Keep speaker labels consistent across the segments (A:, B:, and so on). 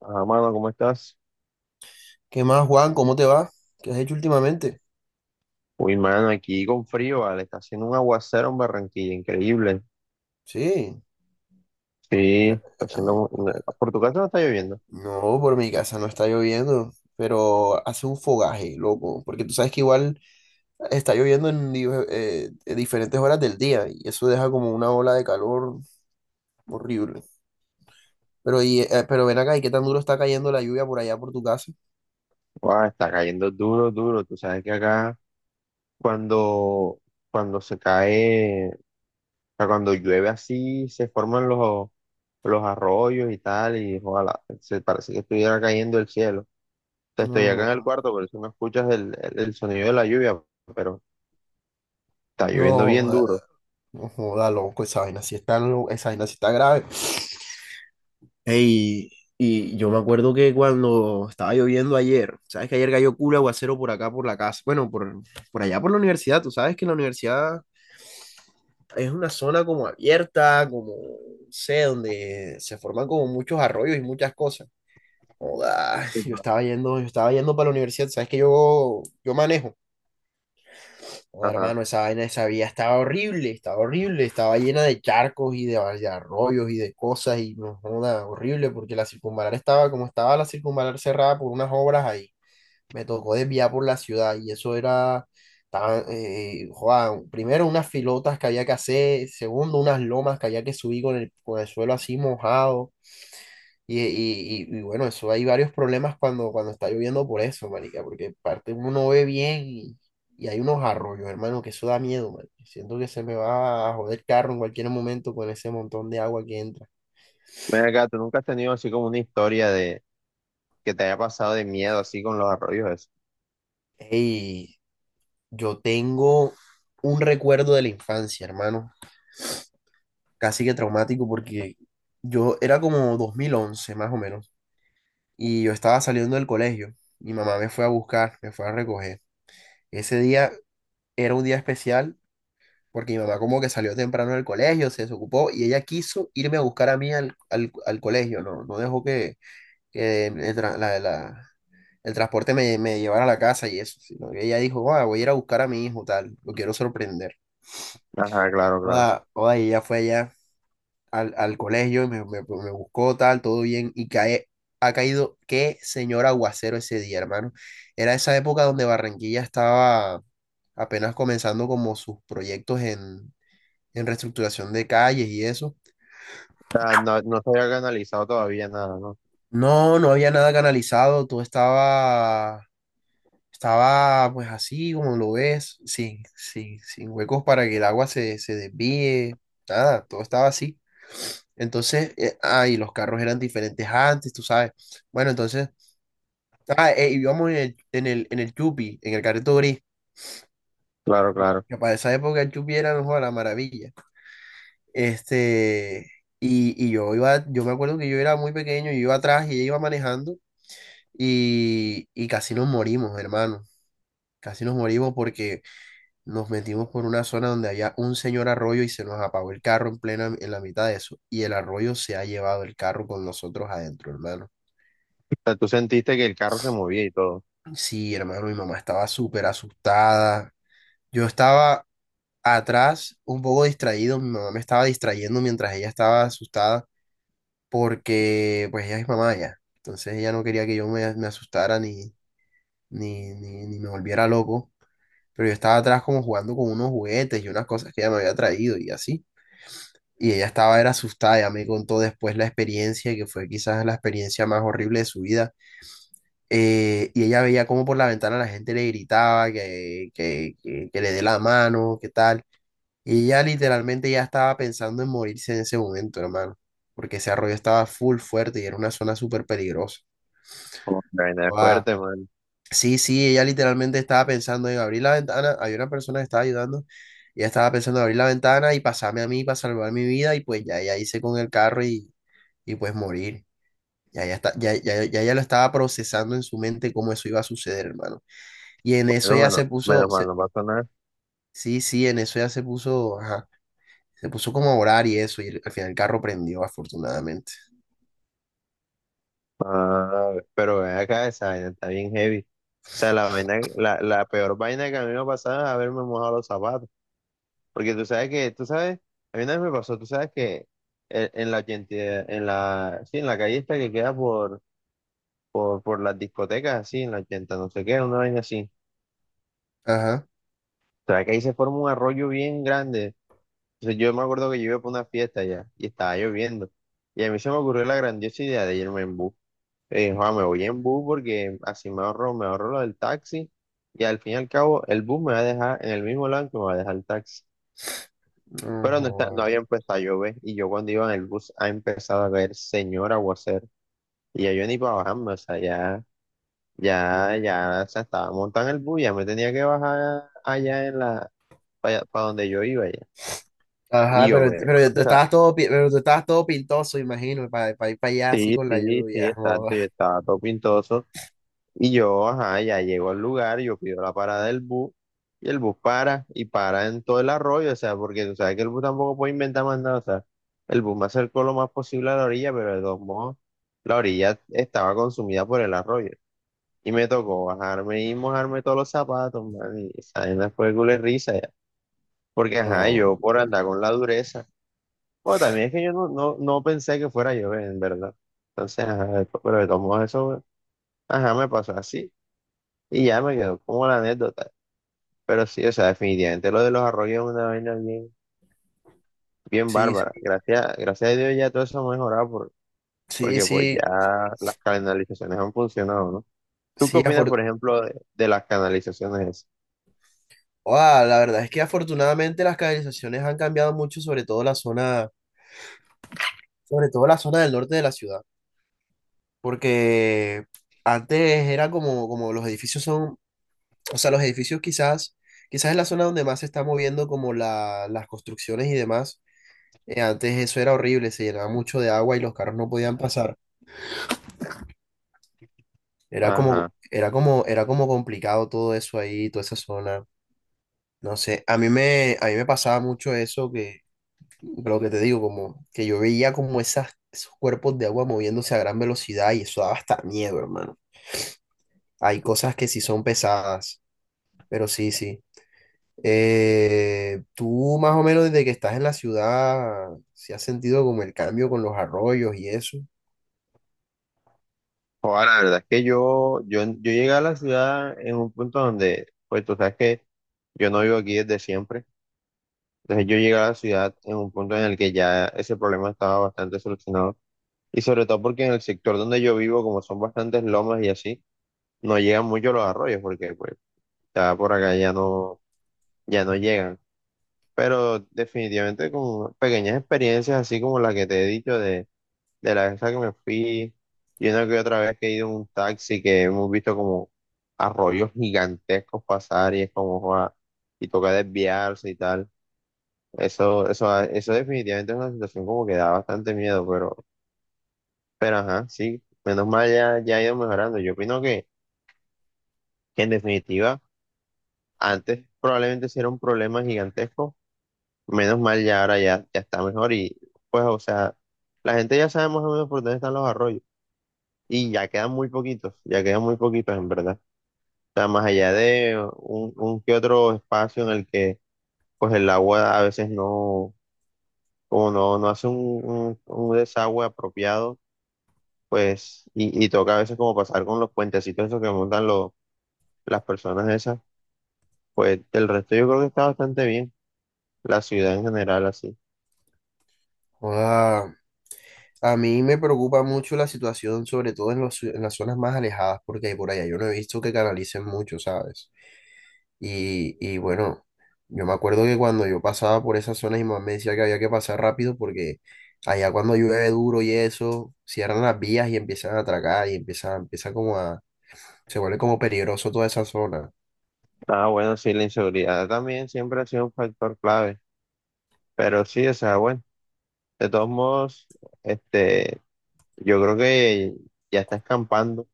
A: Ah, mano, ¿cómo estás?
B: ¿Qué más, Juan? ¿Cómo te va? ¿Qué has hecho últimamente?
A: Uy, mano, aquí con frío, vale. Está haciendo un aguacero en Barranquilla, increíble.
B: Sí.
A: Sí, está haciendo
B: ah,
A: por tu casa no está lloviendo.
B: No, por mi casa no está lloviendo, pero hace un fogaje, loco, porque tú sabes que igual está lloviendo en diferentes horas del día y eso deja como una ola de calor horrible. Pero ven acá, ¿y qué tan duro está cayendo la lluvia por allá por tu casa?
A: Guau, está cayendo duro, duro. Tú sabes que acá cuando, cuando se cae, o sea, cuando llueve así, se forman los arroyos y tal, y ojalá, se parece que estuviera cayendo el cielo. Te estoy acá en el
B: No,
A: cuarto, por eso no escuchas el sonido de la lluvia, pero está lloviendo
B: no,
A: bien
B: joda,
A: duro.
B: no joda, loco, esa vaina sí está grave. Ey, y yo me acuerdo que cuando estaba lloviendo ayer, sabes que ayer cayó culo aguacero por acá, por la casa, por allá, por la universidad, tú sabes que la universidad es una zona como abierta, como, no sé, donde se forman como muchos arroyos y muchas cosas. Joda,
A: Sí,
B: yo estaba yendo para la universidad, sabes que yo manejo. Oh,
A: ajá.
B: hermano, esa vaina, esa vía estaba horrible, estaba horrible, estaba llena de charcos y de arroyos y de cosas y no joda, horrible porque la circunvalar estaba como estaba la circunvalar cerrada por unas obras ahí. Me tocó desviar por la ciudad y joda, primero unas filotas que había que hacer, segundo unas lomas que había que subir con el suelo así mojado. Bueno, eso hay varios problemas cuando está lloviendo por eso, marica, porque parte uno no ve bien y hay unos arroyos, hermano, que eso da miedo, man. Siento que se me va a joder el carro en cualquier momento con ese montón de agua que entra.
A: Ven acá, ¿tú nunca has tenido así como una historia de que te haya pasado de miedo así con los arroyos? ¿Eso?
B: Ey, yo tengo un recuerdo de la infancia, hermano, casi que traumático porque yo era como 2011 más o menos y yo estaba saliendo del colegio. Mi mamá me fue a buscar, me fue a recoger. Ese día era un día especial porque mi mamá como que salió temprano del colegio, se desocupó y ella quiso irme a buscar a mí al colegio, no, no dejó que, que el, tra- la- la- el transporte me llevara a la casa y eso, sino que ella dijo: "Ah, voy a ir a buscar a mi hijo, tal, lo quiero sorprender".
A: Ajá, claro, claro.
B: Oda, oda, y ella fue allá al colegio, y me buscó, tal, todo bien, ha caído, qué señor aguacero ese día, hermano. Era esa época donde Barranquilla estaba apenas comenzando como sus proyectos en reestructuración de calles y eso.
A: O sea, no, no se había analizado todavía nada, ¿no?
B: No, no había nada canalizado, estaba pues así como lo ves, sin huecos para que el agua se desvíe, nada, todo estaba así. Y los carros eran diferentes antes, tú sabes. Bueno, entonces, Íbamos en el Yupi, en el carrito gris,
A: Claro, claro.
B: que para esa época el Yupi era mejor la maravilla. Este, y yo iba, yo me acuerdo que yo era muy pequeño, yo iba atrás y ella iba manejando. Casi nos morimos, hermano. Casi nos morimos porque nos metimos por una zona donde había un señor arroyo y se nos apagó el carro en en la mitad de eso. Y el arroyo se ha llevado el carro con nosotros adentro, hermano.
A: O sea, tú sentiste que el carro se movía y todo.
B: Sí, hermano, mi mamá estaba súper asustada. Yo estaba atrás, un poco distraído. Mi mamá me estaba distrayendo mientras ella estaba asustada porque, pues, ella es mamá ya. Entonces ella no quería que me asustara ni me volviera loco. Pero yo estaba atrás como jugando con unos juguetes y unas cosas que ella me había traído y así. Era asustada, ella me contó después la experiencia, que fue quizás la experiencia más horrible de su vida. Y ella veía como por la ventana la gente le gritaba que le dé la mano, que tal. Y ella literalmente ya estaba pensando en morirse en ese momento, hermano, porque ese arroyo estaba full fuerte y era una zona súper peligrosa.
A: Como que la vaina es fuerte, man.
B: Sí, sí, ella literalmente estaba pensando en abrir la ventana. Había una persona que estaba ayudando. Ella estaba pensando en abrir la ventana y pasarme a mí para salvar mi vida. Y pues ya ella hice con el carro y pues morir. Ya ella, está, ya, ya, Ya ella lo estaba procesando en su mente cómo eso iba a suceder, hermano. Y en eso
A: Bueno,
B: ya
A: menos,
B: se puso,
A: menos mal,
B: se-
A: no pasó nada.
B: Sí, sí, en eso ya se puso, ajá, se puso como a orar y eso. Y al final el carro prendió, afortunadamente.
A: Ah, pero ven acá, esa vaina está bien heavy. O sea, la vaina, la peor vaina que a mí me pasaba es haberme mojado los zapatos. Porque tú sabes que, tú sabes, a mí una vez me pasó, tú sabes que 80 en la, sí, en la calle esta que queda por las discotecas así, en la 80, no sé qué, una vaina así.
B: Ajá.
A: O sea, que ahí se forma un arroyo bien grande. Entonces yo me acuerdo que yo iba para una fiesta allá y estaba lloviendo. Y a mí se me ocurrió la grandiosa idea de irme en bus. "Joa, me voy en bus porque así me ahorro lo del taxi y al fin y al cabo el bus me va a dejar en el mismo lado que me va a dejar el taxi. Pero no, está, no
B: Ajá.
A: había empezado a llover y yo cuando iba en el bus ha empezado a caer señor aguacero y ya yo ni para bajarme, o sea, ya ya, ya se estaba montando el bus, ya me tenía que bajar allá en para, donde yo iba ya. Y
B: Ajá,
A: o sea,
B: pero tú estabas todo pintoso, imagino, para ir para allá así
A: sí,
B: con la
A: sí, sí,
B: lluvia.
A: exacto,
B: Joda.
A: yo estaba todo pintoso. Y yo, ajá, ya llego al lugar, yo pido la parada del bus, y el bus para, y para en todo el arroyo, o sea, porque tú sabes que el bus tampoco puede inventar más nada, o sea, el bus me acercó lo más posible a la orilla, pero de todos modos, la orilla estaba consumida por el arroyo. Y me tocó bajarme y mojarme todos los zapatos, man, y esa vaina fue culo de risa. Porque, ajá,
B: No,
A: yo por andar con la dureza. Bueno, también es que yo no pensé que fuera yo, en verdad. Entonces, ajá, pero de todos modos eso, ajá, me pasó así. Y ya me quedó como la anécdota. Pero sí, o sea, definitivamente lo de los arroyos es una vaina bien, bien
B: sí, sí,
A: bárbara. Gracias, gracias a Dios ya todo eso ha mejorado
B: sí,
A: porque pues
B: sí,
A: ya las canalizaciones han funcionado, ¿no? ¿Tú qué
B: sí,
A: opinas,
B: afor-
A: por ejemplo, de las canalizaciones esas?
B: Ah, la verdad es que afortunadamente las canalizaciones han cambiado mucho, sobre todo la zona del norte de la ciudad, porque antes era como, como los edificios son, o sea, quizás es la zona donde más se está moviendo como las construcciones y demás. Antes eso era horrible, se llenaba mucho de agua y los carros no podían pasar.
A: Ajá.
B: Era como complicado todo eso ahí, toda esa zona. No sé, a mí me pasaba mucho eso que, lo que te digo, como que yo veía como esos cuerpos de agua moviéndose a gran velocidad y eso daba hasta miedo, hermano. Hay cosas que sí son pesadas, pero sí, sí. Tú más o menos desde que estás en la ciudad, ¿si has sentido como el cambio con los arroyos y eso?
A: Ahora la verdad es que yo llegué a la ciudad en un punto donde, pues tú sabes que yo no vivo aquí desde siempre. Entonces yo llegué a la ciudad en un punto en el que ya ese problema estaba bastante solucionado. Y sobre todo porque en el sector donde yo vivo, como son bastantes lomas y así, no llegan mucho los arroyos porque pues ya por acá ya no, ya no llegan. Pero definitivamente con pequeñas experiencias así como la que te he dicho de la vez a que me fui y una que otra vez que he ido en un taxi que hemos visto como arroyos gigantescos pasar y es como "Joa", y toca desviarse y tal. Eso definitivamente es una situación como que da bastante miedo, pero ajá, sí, menos mal ya, ya ha ido mejorando. Yo opino que en definitiva, antes probablemente sí era un problema gigantesco, menos mal ya ahora ya, ya está mejor y pues, o sea, la gente ya sabe más o menos por dónde están los arroyos y ya quedan muy poquitos, ya quedan muy poquitos en verdad. O sea, más allá de un que otro espacio en el que pues el agua a veces no, como no, no hace un desagüe apropiado pues, y toca a veces como pasar con los puentecitos esos que montan las personas esas, pues del resto yo creo que está bastante bien, la ciudad en general así.
B: Joda, a mí me preocupa mucho la situación, sobre todo en las zonas más alejadas, porque por allá yo no he visto que canalicen mucho, ¿sabes? Y bueno, yo me acuerdo que cuando yo pasaba por esas zonas y mamá me decía que había que pasar rápido porque allá cuando llueve duro y eso, cierran las vías y empiezan a atracar empieza como a, se vuelve como peligroso toda esa zona.
A: Ah, bueno, sí, la inseguridad también siempre ha sido un factor clave, pero sí, o sea, bueno, de todos modos, este, yo creo que ya está escampando,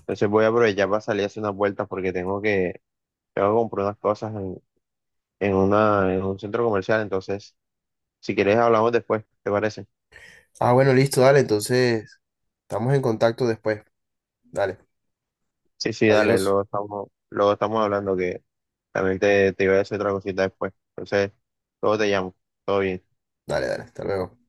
A: entonces voy a aprovechar para salir a hacer unas vueltas porque tengo que comprar unas cosas en una, en un centro comercial, entonces, si quieres hablamos después, ¿te parece?
B: Ah, bueno, listo, dale, entonces estamos en contacto después. Dale,
A: Sí, sí, dale,
B: adiós.
A: luego estamos hablando que también te iba a decir otra cosita después. Entonces, luego te llamo. Todo bien.
B: Dale, dale, hasta luego.